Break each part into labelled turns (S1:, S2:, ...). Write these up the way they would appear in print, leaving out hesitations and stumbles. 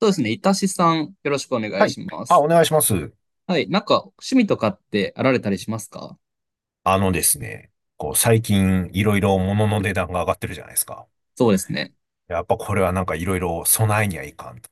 S1: そうですね。いたしさん、よろしくお願
S2: は
S1: い
S2: い。
S1: しま
S2: あ、
S1: す。
S2: お願いします。
S1: はい。なんか、趣味とかってあられたりしますか？
S2: あのですね、こう、最近いろいろ物の値段が上がってるじゃないですか。
S1: そうですね。
S2: やっぱこれはなんかいろいろ備えにはいかんと。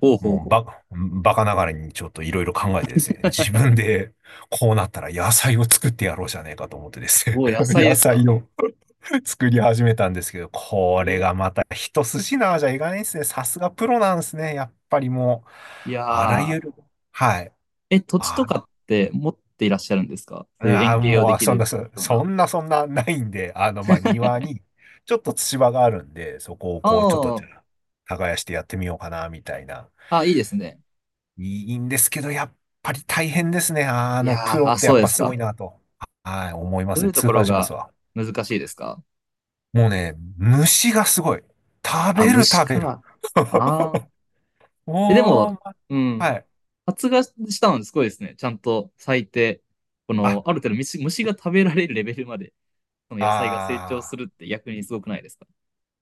S1: ほうほう
S2: もう
S1: ほ
S2: ば、バカながらにちょっといろいろ考えてですね、自分でこうなったら野菜を作ってやろうじゃねえかと思ってですね、
S1: う。お 野菜
S2: 野
S1: です
S2: 菜
S1: か？
S2: を 作り始めたんですけど、こ
S1: え
S2: れ
S1: ー
S2: がまた一筋縄じゃいかないですね。さすがプロなんですね。やっぱりもう、
S1: いや
S2: あらゆ
S1: ー。
S2: る、はい。
S1: え、土地
S2: あ
S1: とかって持っていらっしゃるんですか？そういう
S2: あ
S1: 園
S2: あ、
S1: 芸をで
S2: もう、
S1: き
S2: そんな、
S1: る
S2: そ
S1: ような。
S2: そんな、ないんで、あの、まあ、庭に、ちょっと土場があるんで、そこを、
S1: あ
S2: こう、ちょっと、
S1: ー
S2: じゃあ耕してやってみようかな、みたいな。
S1: あ、いいですね。
S2: いいんですけど、やっぱり大変ですね。あ
S1: い
S2: の、
S1: や
S2: プ
S1: ー、
S2: ロっ
S1: あ、
S2: てや
S1: そう
S2: っ
S1: で
S2: ぱ
S1: す
S2: すごい
S1: か。
S2: なと。はい、思いま
S1: どう
S2: す
S1: いう
S2: ね。
S1: と
S2: 痛
S1: ころ
S2: 感します
S1: が
S2: わ。
S1: 難しいですか？
S2: もうね、虫がすごい。食
S1: あ、
S2: べる、
S1: 虫
S2: 食べる。
S1: か。ああ。え、でも、
S2: もう、ま
S1: うん。
S2: はい。
S1: 発芽したのですごいですね。ちゃんと咲いて、こ
S2: あ、
S1: の、ある程度虫が食べられるレベルまで。その野菜が成長す
S2: ああ
S1: る
S2: ー。
S1: って逆にすごくないですか？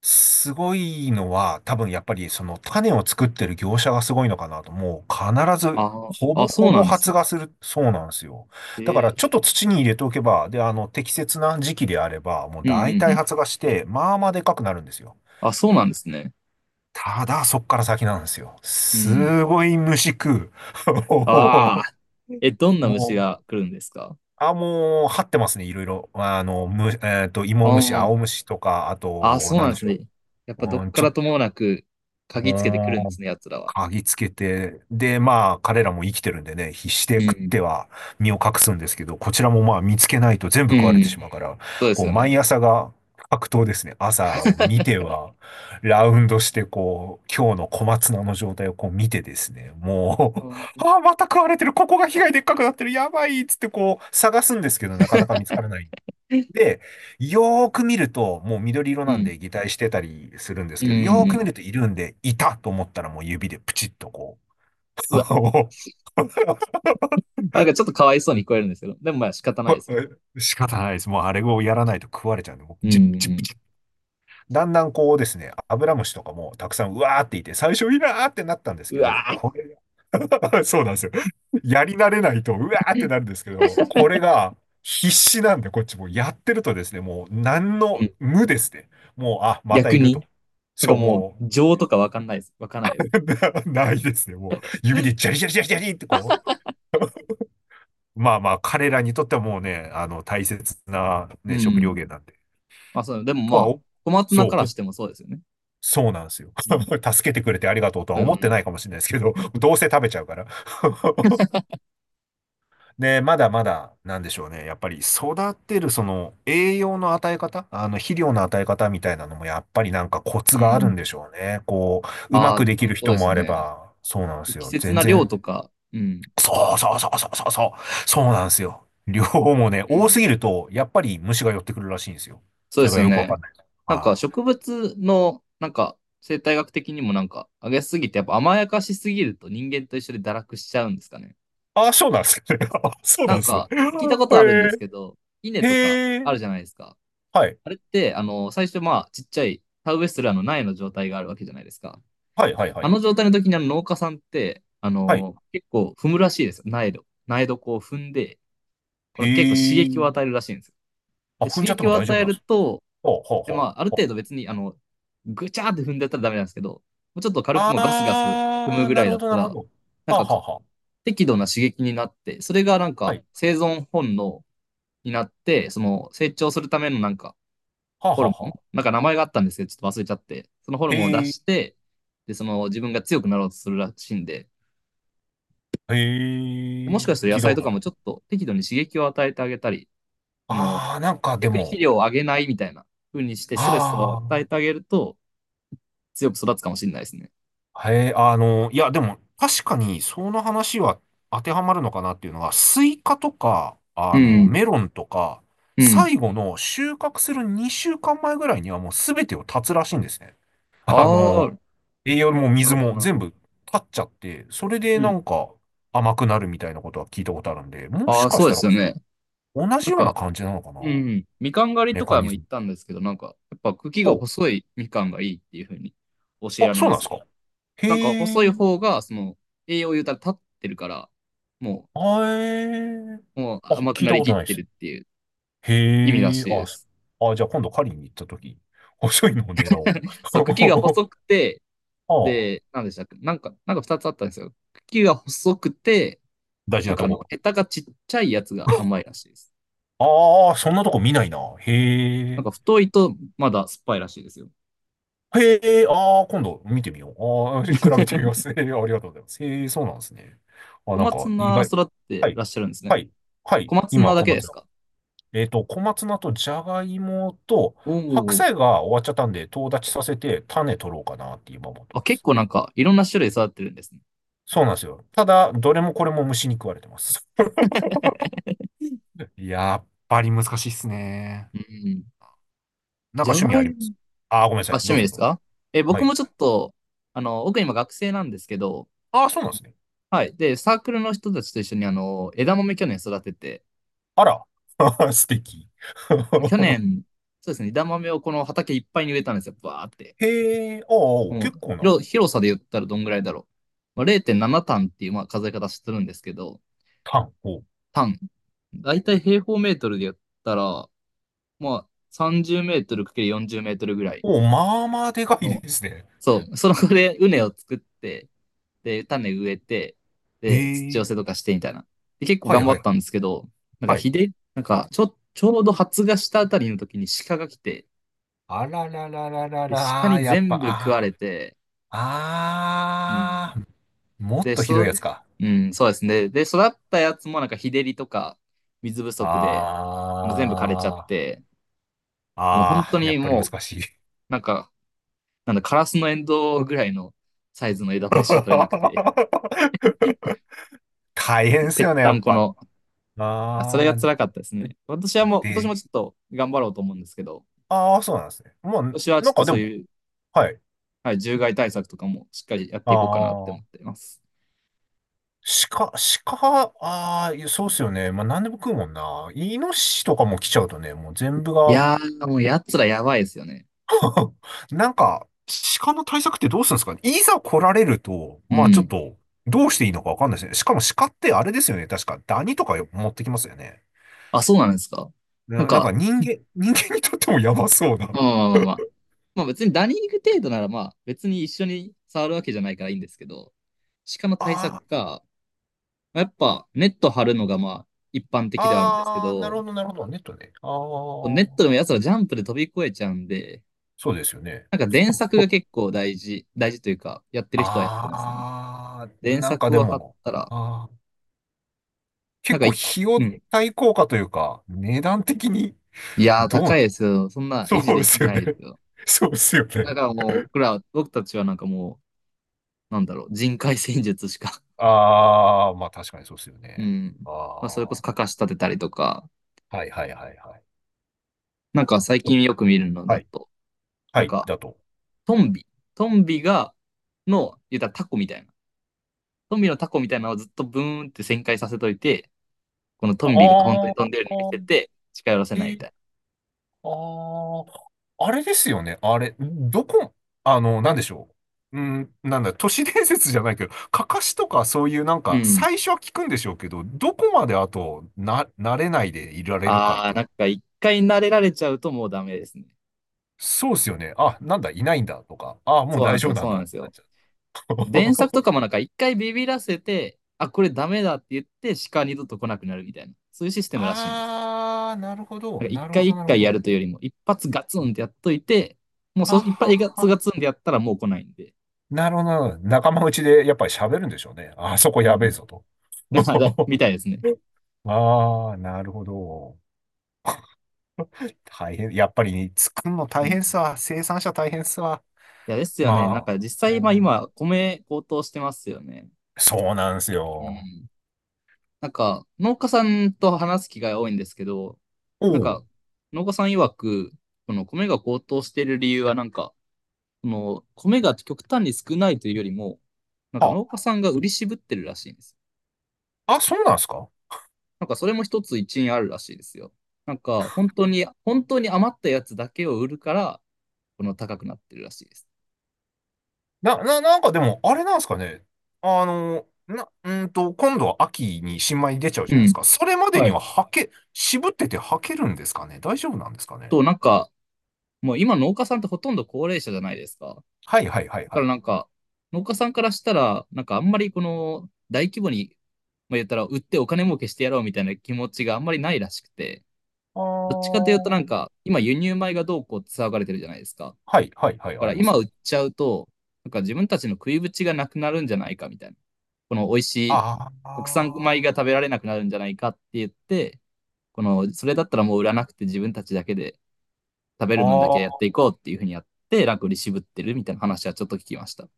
S2: すごいのは、多分やっぱりその種を作ってる業者がすごいのかなと、もう必ず
S1: あ
S2: ほ
S1: あ、
S2: ぼ
S1: あ、そ
S2: ほ
S1: う
S2: ぼ
S1: なんです
S2: 発
S1: ね。
S2: 芽する、そうなんですよ。
S1: へ
S2: だから
S1: え。
S2: ちょっと土に入れておけば、で、あの、適切な時期であれば、もう
S1: うんう
S2: 大
S1: んう
S2: 体
S1: ん。
S2: 発芽して、まあまあでかくなるんですよ。
S1: あ、そうなんですね。
S2: ただ、そっから先なんですよ。
S1: うん。
S2: すごい虫食う。
S1: あ あ、え、どんな虫
S2: もう、
S1: が来るんですか？
S2: あ、もう、張ってますね、いろいろ。あの、む、えっと、芋虫、
S1: あ
S2: 青虫とか、あ
S1: あ、あ、
S2: と、
S1: そう
S2: な
S1: なん
S2: ん
S1: で
S2: で
S1: す
S2: しょ
S1: ね。やっぱどっ
S2: う。うん、
S1: か
S2: ちょっ
S1: ら
S2: と、
S1: ともなく嗅ぎつけてくるんで
S2: もう
S1: すね、奴らは。
S2: 嗅ぎつけて、で、まあ、彼らも生きてるんでね、必死で
S1: う
S2: 食って
S1: ん。
S2: は身を隠すんですけど、こちらもまあ見つけないと全部
S1: う
S2: 食われて
S1: ん。
S2: しまうから、
S1: そうで
S2: こ
S1: す
S2: う、
S1: よ
S2: 毎
S1: ね。
S2: 朝が格闘ですね。朝を見て は、ラウンドして、こう、今日の小松菜の状態をこう見てですね、もう、
S1: うん、
S2: ああ、また食われてる、ここが被害でっかくなってる、やばいっつってこう、探すんですけど、なかなか見つからない。で、よーく見ると、もう緑色
S1: う
S2: なん
S1: ん。
S2: で擬態してたりするんで
S1: う
S2: す
S1: ん。う
S2: けど、よーく見る
S1: ん。
S2: といるんで、いたと思ったらもう指でプチッとこう。
S1: うわ、なんかちょっとかわいそうに聞こえるんですけど、でもまあ仕方ないですよね。
S2: 仕方ないです。もうあれをやらないと食われちゃうんで、もうプ
S1: うん。
S2: チップチ
S1: う
S2: ップ
S1: ん。
S2: チッ。だんだんこうですね、アブラムシとかもたくさんうわーっていて、最初いらーってなったんです
S1: う
S2: けど、
S1: わ
S2: これ そうなんですよ。やり慣れないと、うわーってなるんですけど、これが必死なんで、こっちもやってるとですね、もう何
S1: ー、う
S2: の
S1: ん。
S2: 無ですね。もう、あ、また
S1: 逆
S2: いると。
S1: に、なん
S2: そ
S1: か
S2: う、
S1: もう
S2: も
S1: 情とかわかんないです。わかんないです。
S2: う、ないですね。もう、指でジャリジャリジャリジャリってこう。まあまあ、彼らにとってはもうね、あの、大切な
S1: う
S2: ね、食料
S1: ん。
S2: 源なんで。
S1: まあ、そう、でも
S2: と
S1: ま
S2: は
S1: あ、
S2: お、
S1: 小松菜
S2: そう、
S1: から
S2: こ、
S1: してもそうですよね。
S2: そうなんですよ。
S1: うん。
S2: 助けてくれてありがとうとは
S1: う
S2: 思って
S1: ん。
S2: ないかもしれないですけど、どうせ食べちゃうから。で、まだまだ、なんでしょうね。やっぱり育てる、その、栄養の与え方、あの、肥料の与え方みたいなのも、やっぱりなんかコツ
S1: う
S2: があるんで
S1: ん。
S2: しょうね。こう、うま
S1: あ
S2: く
S1: あ、
S2: できる
S1: そう
S2: 人
S1: で
S2: も
S1: す
S2: あれ
S1: ね。
S2: ば、そうなんです
S1: 適
S2: よ。
S1: 切
S2: 全
S1: な量
S2: 然、
S1: とか、うん。
S2: そうなんですよ。両方もね、
S1: う
S2: 多すぎ
S1: ん。
S2: ると、やっぱり虫が寄ってくるらしいんですよ。
S1: そう
S2: そ
S1: で
S2: れ
S1: す
S2: が
S1: よ
S2: よくわ
S1: ね。
S2: かんない。
S1: なんか
S2: はい。
S1: 植物の、なんか生態学的にもなんか、あげすぎて、やっぱ甘やかしすぎると人間と一緒で堕落しちゃうんですかね。
S2: あ、そうなんですね。あそう
S1: な
S2: なん
S1: ん
S2: ですね。
S1: か、聞いたことあるんで
S2: へ
S1: すけ
S2: え、
S1: ど、稲とか
S2: へ
S1: あ
S2: え、
S1: るじゃないですか。
S2: はい、
S1: あれって、あの、最初まあ、ちっちゃい、田植えするあの苗の状態があるわけじゃないですか。
S2: はい、はい、は
S1: あ
S2: い。
S1: の状態の時にあの農家さんって、
S2: はい。
S1: 結構踏むらしいですよ。苗土。苗こう踏んで、この結構刺
S2: へ
S1: 激を
S2: え。
S1: 与えるらしいんですよ。
S2: あ、
S1: で、
S2: 踏ん
S1: 刺
S2: じゃって
S1: 激
S2: も
S1: を
S2: 大
S1: 与
S2: 丈夫
S1: え
S2: なんで
S1: る
S2: す。
S1: と、
S2: ほうほう
S1: で
S2: ほ
S1: ま
S2: う
S1: あ、ある
S2: ほ
S1: 程度
S2: う。
S1: 別に、あの、ぐちゃーって踏んでやったらダメなんですけど、もうちょっと軽くもうガスガス踏む
S2: あー、
S1: ぐらいだった
S2: なるほ
S1: ら、
S2: ど。
S1: なん
S2: はあ、
S1: か
S2: はあ、は
S1: 適度な刺激になって、それがなん
S2: あ。は
S1: か
S2: い。
S1: 生存本能になって、その成長するためのなんか
S2: はあ、
S1: ホ
S2: は
S1: ル
S2: あ、
S1: モン、
S2: は
S1: なんか名前があったんですけど、ちょっと忘れちゃって、そのホル
S2: あ。
S1: モンを出
S2: へえ、
S1: して、で、その自分が強くなろうとするらしいんで、
S2: へ
S1: もしか
S2: え、
S1: したら野
S2: 聞いた
S1: 菜
S2: こ
S1: と
S2: とあ
S1: かも
S2: る。
S1: ちょっと適度に刺激を与えてあげたり、その
S2: あー、なんかで
S1: 逆に肥
S2: も、
S1: 料をあげないみたいな風にしてストレスを
S2: あ
S1: 与えてあげると強く育つかもしれないですね。
S2: ー、へえ、あの、いや、でも、確かに、その話は当てはまるのかなっていうのが、スイカとか、
S1: う
S2: あの、
S1: ん。
S2: メロンとか、
S1: うん。
S2: 最後の収穫する2週間前ぐらいにはもう全てを立つらしいんですね。
S1: あ
S2: あの、
S1: あ、
S2: 栄養も
S1: な
S2: 水
S1: るほど、
S2: も
S1: なるほ
S2: 全
S1: ど。
S2: 部立っちゃって、それで
S1: う
S2: な
S1: ん。
S2: んか甘くなるみたいなことは聞いたことあるんで、も
S1: あ
S2: し
S1: あ、
S2: か
S1: そ
S2: し
S1: うで
S2: たら
S1: すよね。
S2: 同じ
S1: なん
S2: ような
S1: か、
S2: 感じなのかな
S1: うん。みかん狩り
S2: メ
S1: と
S2: カ
S1: か
S2: ニ
S1: も
S2: ズ
S1: 行
S2: ム。
S1: ったんですけど、なんか、やっぱ茎が
S2: ほ
S1: 細いみかんがいいっていう風に教
S2: う。
S1: え
S2: あ、
S1: られ
S2: そう
S1: ま
S2: なんで
S1: す
S2: す
S1: よ。
S2: か。
S1: なんか
S2: へえ。
S1: 細い方が、その、栄養を言うたら立ってるから、も
S2: あえ。
S1: もう
S2: あ、
S1: 甘く
S2: 聞い
S1: な
S2: た
S1: り
S2: こ
S1: き
S2: と
S1: っ
S2: ないで
S1: て
S2: す。
S1: るっていう意味ら
S2: へえ。
S1: し
S2: あ、
S1: いです。
S2: そあ、じゃあ今度狩りに行った時、細いのを狙おう。
S1: そう、茎が細くて、
S2: ああ、
S1: で、なんでしたっけなんか二つあったんですよ。茎が細くて、
S2: 大事
S1: なん
S2: な
S1: か
S2: と
S1: あの、
S2: こ。
S1: ヘタがちっちゃいやつが甘いらしいです。
S2: ああ、そんなとこ見ないな。へ
S1: なん
S2: え。
S1: か太いとまだ酸っぱいらしいですよ。
S2: へえ、ああ、今度見てみよう。ああ、比べてみます。へえありがとうございます。へえ、そうなんですね。あ、
S1: 小
S2: なん
S1: 松
S2: か、意
S1: 菜
S2: 外。
S1: 育っ
S2: は
S1: て
S2: い。
S1: らっしゃるんですね。
S2: はい。はい。
S1: 小松
S2: 今、
S1: 菜だ
S2: 小
S1: けで
S2: 松
S1: す
S2: 菜。
S1: か？
S2: えっと、小松菜とじゃがいもと、
S1: お
S2: 白
S1: お。
S2: 菜が終わっちゃったんで、とう立ちさせて、種取ろうかなって今思って
S1: あ、
S2: ま
S1: 結
S2: す。
S1: 構なんかいろんな種類育ってるんですね。
S2: そうなんですよ。ただ、どれもこれも虫に食われてます。やっぱり難しいっすね。
S1: うん。
S2: なん
S1: じ
S2: か
S1: ゃ
S2: 趣味
S1: が
S2: あり
S1: い
S2: ま
S1: も
S2: すああー、ごめんなさ
S1: が
S2: い。
S1: 趣
S2: どう
S1: 味で
S2: ぞど
S1: す
S2: うぞ。
S1: か？え、
S2: は
S1: 僕
S2: い。
S1: もちょっと、僕今学生なんですけど、
S2: ああ、そうなんですね。
S1: はい。で、サークルの人たちと一緒に枝豆去年育てて、
S2: あら。素敵。
S1: 去 年、そうですね、枝豆をこの畑いっぱいに植えたんですよ、バーって。
S2: へえ、ああ、
S1: もう、
S2: 結構な、
S1: 広さで言ったらどんぐらいだろう。まあ、0.7単っていう、まあ、数え方してるんですけど、
S2: タン。お、
S1: 単。だいたい平方メートルで言ったら、まあ、30メートル ×40 メートルぐらい
S2: お、まあまあでかい
S1: の、
S2: ですね。
S1: そう、そのこで畝を作って、で、種植えて、
S2: へ
S1: で、土寄
S2: え、
S1: せとかしてみたいな。で、結構
S2: はい
S1: 頑張
S2: はい
S1: った
S2: は
S1: ん
S2: い。
S1: ですけど、なんか
S2: はい。
S1: ひで、なんか、ちょうど発芽したあたりの時に鹿が来て、
S2: あららららら
S1: で、鹿
S2: ら、あー
S1: に
S2: やっぱ、
S1: 全部食わ
S2: あ
S1: れて、
S2: あ、
S1: うん。
S2: ああ、もっ
S1: で、
S2: とひ
S1: そ
S2: どいや
S1: う、
S2: つか。
S1: うん、そうですね。で、育ったやつもなんか日照りとか水不足で、もう全部枯れちゃっ
S2: あ
S1: て、もう
S2: あ、
S1: 本当
S2: ああ、や
S1: に
S2: っぱり難
S1: もう、
S2: しい。
S1: なんか、なんだ、カラスのエンドウぐらいのサイズの枝豆しか取れなくて、
S2: 大変
S1: もう
S2: で
S1: ぺ
S2: す
S1: っ
S2: よね、
S1: た
S2: や
S1: ん
S2: っ
S1: こ
S2: ぱ。
S1: の、それが
S2: ああ、
S1: 辛かったですね。私はもう、今年
S2: で、
S1: もちょっと頑張ろうと思うんですけど、
S2: ああ、そうなんですね。まあ、
S1: 今年はち
S2: な
S1: ょっ
S2: ん
S1: と
S2: かで
S1: そう
S2: も、
S1: いう、
S2: はい。
S1: はい、獣害対策とかもしっかりやっていこうかなって
S2: あ
S1: 思っ
S2: あ、
S1: ています。
S2: 鹿、鹿、ああ、いやそうっすよね。まあ、何でも食うもんな。イノシシとかも来ちゃうとね、もう全部
S1: い
S2: が
S1: やー、もう奴らやばいですよね。
S2: なんか、鹿の対策ってどうするんですかねいざ来られると、
S1: う
S2: まあちょっ
S1: ん。
S2: と、どうしていいのかわかんないですね。しかも鹿ってあれですよね。確か、ダニとか持ってきますよね。
S1: あ、そうなんですか。なんか、
S2: 人間にとってもやばそうな。
S1: まあまあ まあままあ別にダニング程度ならまあ別に一緒に触るわけじゃないからいいんですけど、鹿の対策
S2: あ
S1: か、やっぱネット張るのがまあ一般
S2: あ、
S1: 的ではあるんですけ
S2: ああ、
S1: ど、
S2: なるほど。ネットね。あ
S1: ネ
S2: あ、
S1: ットでも奴らジャンプで飛び越えちゃうんで、
S2: そうですよね。
S1: なんか電柵が結構大事、大事というか、やってる人はやってますね。
S2: ああ、
S1: 電
S2: なんか
S1: 柵
S2: で
S1: を張っ
S2: も、
S1: たら、
S2: ああ。
S1: なん
S2: 結
S1: か
S2: 構
S1: い、
S2: 費
S1: う
S2: 用
S1: ん。
S2: 対効果というか、値段的に
S1: いやー、
S2: ど
S1: 高
S2: う、
S1: いですよ。そんな
S2: そ
S1: 維持
S2: うで
S1: でき
S2: すよ
S1: な
S2: ね。
S1: いですよ。
S2: そうですよ
S1: だか
S2: ね。
S1: らもう、僕たちはなんかもう、なんだろう、人海戦術しか。
S2: ああ、まあ確かにそうですよ
S1: う
S2: ね。
S1: ん。
S2: あ
S1: まあ、それこ
S2: あ、
S1: そ、
S2: は
S1: かかし立てたりとか、
S2: いはいはいはい。
S1: なんか最
S2: お
S1: 近よく見るの
S2: は
S1: だ
S2: い、
S1: と、
S2: は
S1: なん
S2: い、
S1: か
S2: だと。
S1: トンビ、トンビが、の、言ったらタコみたいな。トンビのタコみたいなのをずっとブーンって旋回させといて、このトンビが本当
S2: あ
S1: に飛んでるように見
S2: あ、
S1: せて、近寄らせないみ
S2: で、
S1: たい
S2: ああ、あれですよね。あれ、どこ、あの、なんでしょう。うん、なんだ、都市伝説じゃないけど、かかしとかそういうなん
S1: な。う
S2: か、
S1: ん。
S2: 最初は聞くんでしょうけど、どこまであと、慣れないでいられるかっ
S1: あ
S2: て
S1: ー、
S2: いう
S1: なんか一回慣れられちゃうともうダメですね。
S2: そうっすよね。あ、なんだ、いないんだとか、あ、もう
S1: そうなん
S2: 大
S1: です
S2: 丈夫
S1: よ、
S2: な
S1: そ
S2: ん
S1: うなん
S2: だっ
S1: で
S2: て
S1: す
S2: なっ
S1: よ。
S2: ちゃう。
S1: 電作とか もなんか一回ビビらせて、あ、これダメだって言って、鹿二度と来なくなるみたいな。そういうシステムらしいんです。
S2: あー、
S1: なんか一回一
S2: なるほ
S1: 回や
S2: ど。
S1: るというよりも、一発ガツンってやっといて、もうそ、
S2: はっ
S1: 一
S2: は
S1: 発
S2: っ。
S1: ガツガツンってやったらもう来ないんで。
S2: なるほど。仲間内でやっぱり喋るんでしょうね。あそこ
S1: う
S2: やべえ
S1: ん。
S2: ぞと。
S1: だから、み たいですね。
S2: あー、なるほど。大変。やっぱりね、作るの
S1: う
S2: 大
S1: ん。い
S2: 変っすわ、生産者大変っすわ
S1: や、ですよね。なん
S2: ま
S1: か実
S2: あ、
S1: 際、まあ
S2: お
S1: 今、米高騰してますよね。
S2: そうなんです
S1: う
S2: よ。
S1: ん。なんか、農家さんと話す機会多いんですけど、
S2: お
S1: なんか、
S2: う。
S1: 農家さん曰く、この米が高騰している理由は、なんか、この米が極端に少ないというよりも、なんか
S2: あ、
S1: 農家さんが売り渋ってるらしいんです。
S2: あ、そうなんですか
S1: なんかそれも一つ一因あるらしいですよ。なんか本当に、本当に余ったやつだけを売るから、この高くなってるらしいです。
S2: なんかでも、あれなんですかね。あの、な、うーんと、今度は秋に新米出ちゃうじ
S1: う
S2: ゃないです
S1: ん。
S2: か。それまで
S1: は
S2: に
S1: い。
S2: は履け、渋ってて履けるんですかね。大丈夫なんですかね。
S1: と、なんか、もう今農家さんってほとんど高齢者じゃないですか。だ
S2: はいはいはい
S1: か
S2: は
S1: ら
S2: い。
S1: なんか、農家さんからしたら、なんかあんまりこの大規模に、まあ、言ったら売ってお金儲けしてやろうみたいな気持ちがあんまりないらしくて、
S2: あ
S1: どっちかというとな
S2: ー。
S1: んか、今輸入米がどうこうって騒がれてるじゃないですか。
S2: はいはいはい、
S1: か
S2: あ
S1: ら
S2: ります
S1: 今
S2: ね。
S1: 売っちゃうと、なんか自分たちの食いぶちがなくなるんじゃないかみたいな。この美味しい
S2: あー
S1: 国産米
S2: あ
S1: が食べられなくなるんじゃないかって言って、この、それだったらもう売らなくて自分たちだけで食べ
S2: ー、
S1: る分だ
S2: あ
S1: けやっ
S2: ー
S1: ていこうっていうふうにやって、楽に渋ってるみたいな話はちょっと聞きました。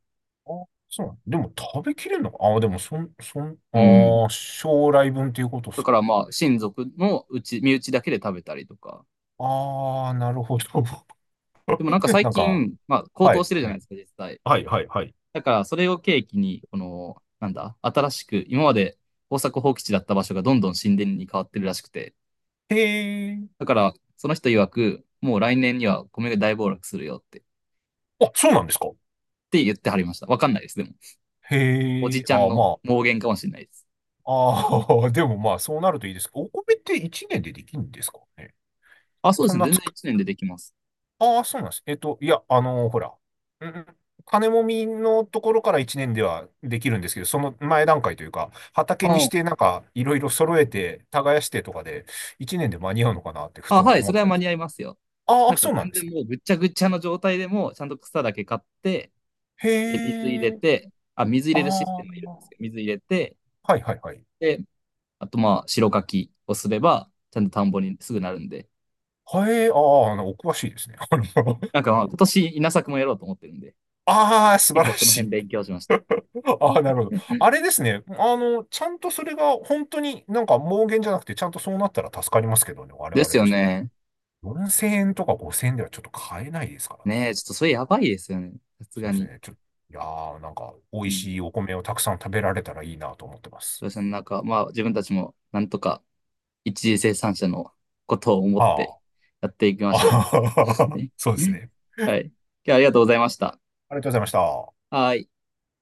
S2: そう。でも食べきれるのか。ああ、でもそん、そん、
S1: うん。
S2: ああ、将来分っていうことで
S1: だ
S2: す
S1: か
S2: か。
S1: らまあ、親族のうち、身内だけで食べたりとか。
S2: ああ、なるほど。
S1: でもなんか最
S2: なんか、
S1: 近、まあ、高
S2: は
S1: 騰し
S2: い、
S1: てるじゃ
S2: は
S1: ない
S2: い。
S1: ですか、実際。
S2: はいはいはい。
S1: だから、それを契機に、この、なんだ、新しく、今まで耕作放棄地だった場所がどんどん神殿に変わってるらしくて、
S2: へえ。
S1: だから、その人曰く、もう来年には米が大暴落するよって、っ
S2: あ、そうなんですか。
S1: て言ってはりました。わかんないです、でも。お
S2: へ
S1: じ
S2: え、
S1: ちゃ
S2: あ
S1: ん
S2: あ、
S1: の
S2: ま
S1: 妄言かもしれないです。
S2: あ、ああ、でもまあ、そうなるといいです。お米って1年でできるんですかね。
S1: あ、そうで
S2: そ
S1: す
S2: ん
S1: ね。
S2: な
S1: 全
S2: つ
S1: 然
S2: く、
S1: 1年でできます。
S2: ああ、そうなんです。えっと、いや、あのーほら、うん、金もみのところから1年ではできるんですけど、その前段階というか、畑に
S1: あ
S2: してなんか、いろいろ揃えて、耕してとかで、1年で間に合うのかなってふ
S1: あ、
S2: と
S1: はい、そ
S2: 思っ
S1: れは
S2: たり
S1: 間
S2: す
S1: に
S2: る。
S1: 合いますよ。
S2: あ
S1: な
S2: あ、
S1: んか
S2: そうなん
S1: 全
S2: です
S1: 然
S2: ね。
S1: もうぐっちゃぐちゃの状態でも、ちゃんと草だけ買って、
S2: へ
S1: で水入れ
S2: え、
S1: て、あ、水入れるシス
S2: あ
S1: テムがいるんですよ。
S2: あ、
S1: 水入れて、
S2: はいはいはい。
S1: で、あとまあ、白柿をすれば、ちゃんと田んぼにすぐなるんで。
S2: へえ、ああ、あのお詳しいですね。あの
S1: なんかまあ、今年稲作もやろうと思ってるんで、
S2: ああ、素
S1: 結
S2: 晴
S1: 構
S2: ら
S1: その
S2: し
S1: 辺
S2: い。
S1: 勉強しました。
S2: ああ、なるほど。あれですね。あの、ちゃんとそれが本当になんか妄言じゃなくて、ちゃんとそうなったら助かりますけどね、我
S1: です
S2: 々
S1: よ
S2: としても。
S1: ね。
S2: 4000円とか5000円ではちょっと買えないですからね。
S1: ねえ、ちょっとそれやばいですよね。さす
S2: そう
S1: が
S2: です
S1: に。
S2: ね。ちょ、いやー、なんか美
S1: う
S2: 味
S1: ん。
S2: しいお米をたくさん食べられたらいいなと思ってま
S1: ど
S2: す。
S1: うしすねなんかまあ、自分たちもなんとか一次生産者のことを思っ
S2: あ
S1: て
S2: あ。
S1: やっていき ま
S2: あ
S1: しょ
S2: ははは
S1: う。
S2: はそうですね。
S1: はい。今日はありがとうございました。
S2: ありがとうございました。
S1: はい。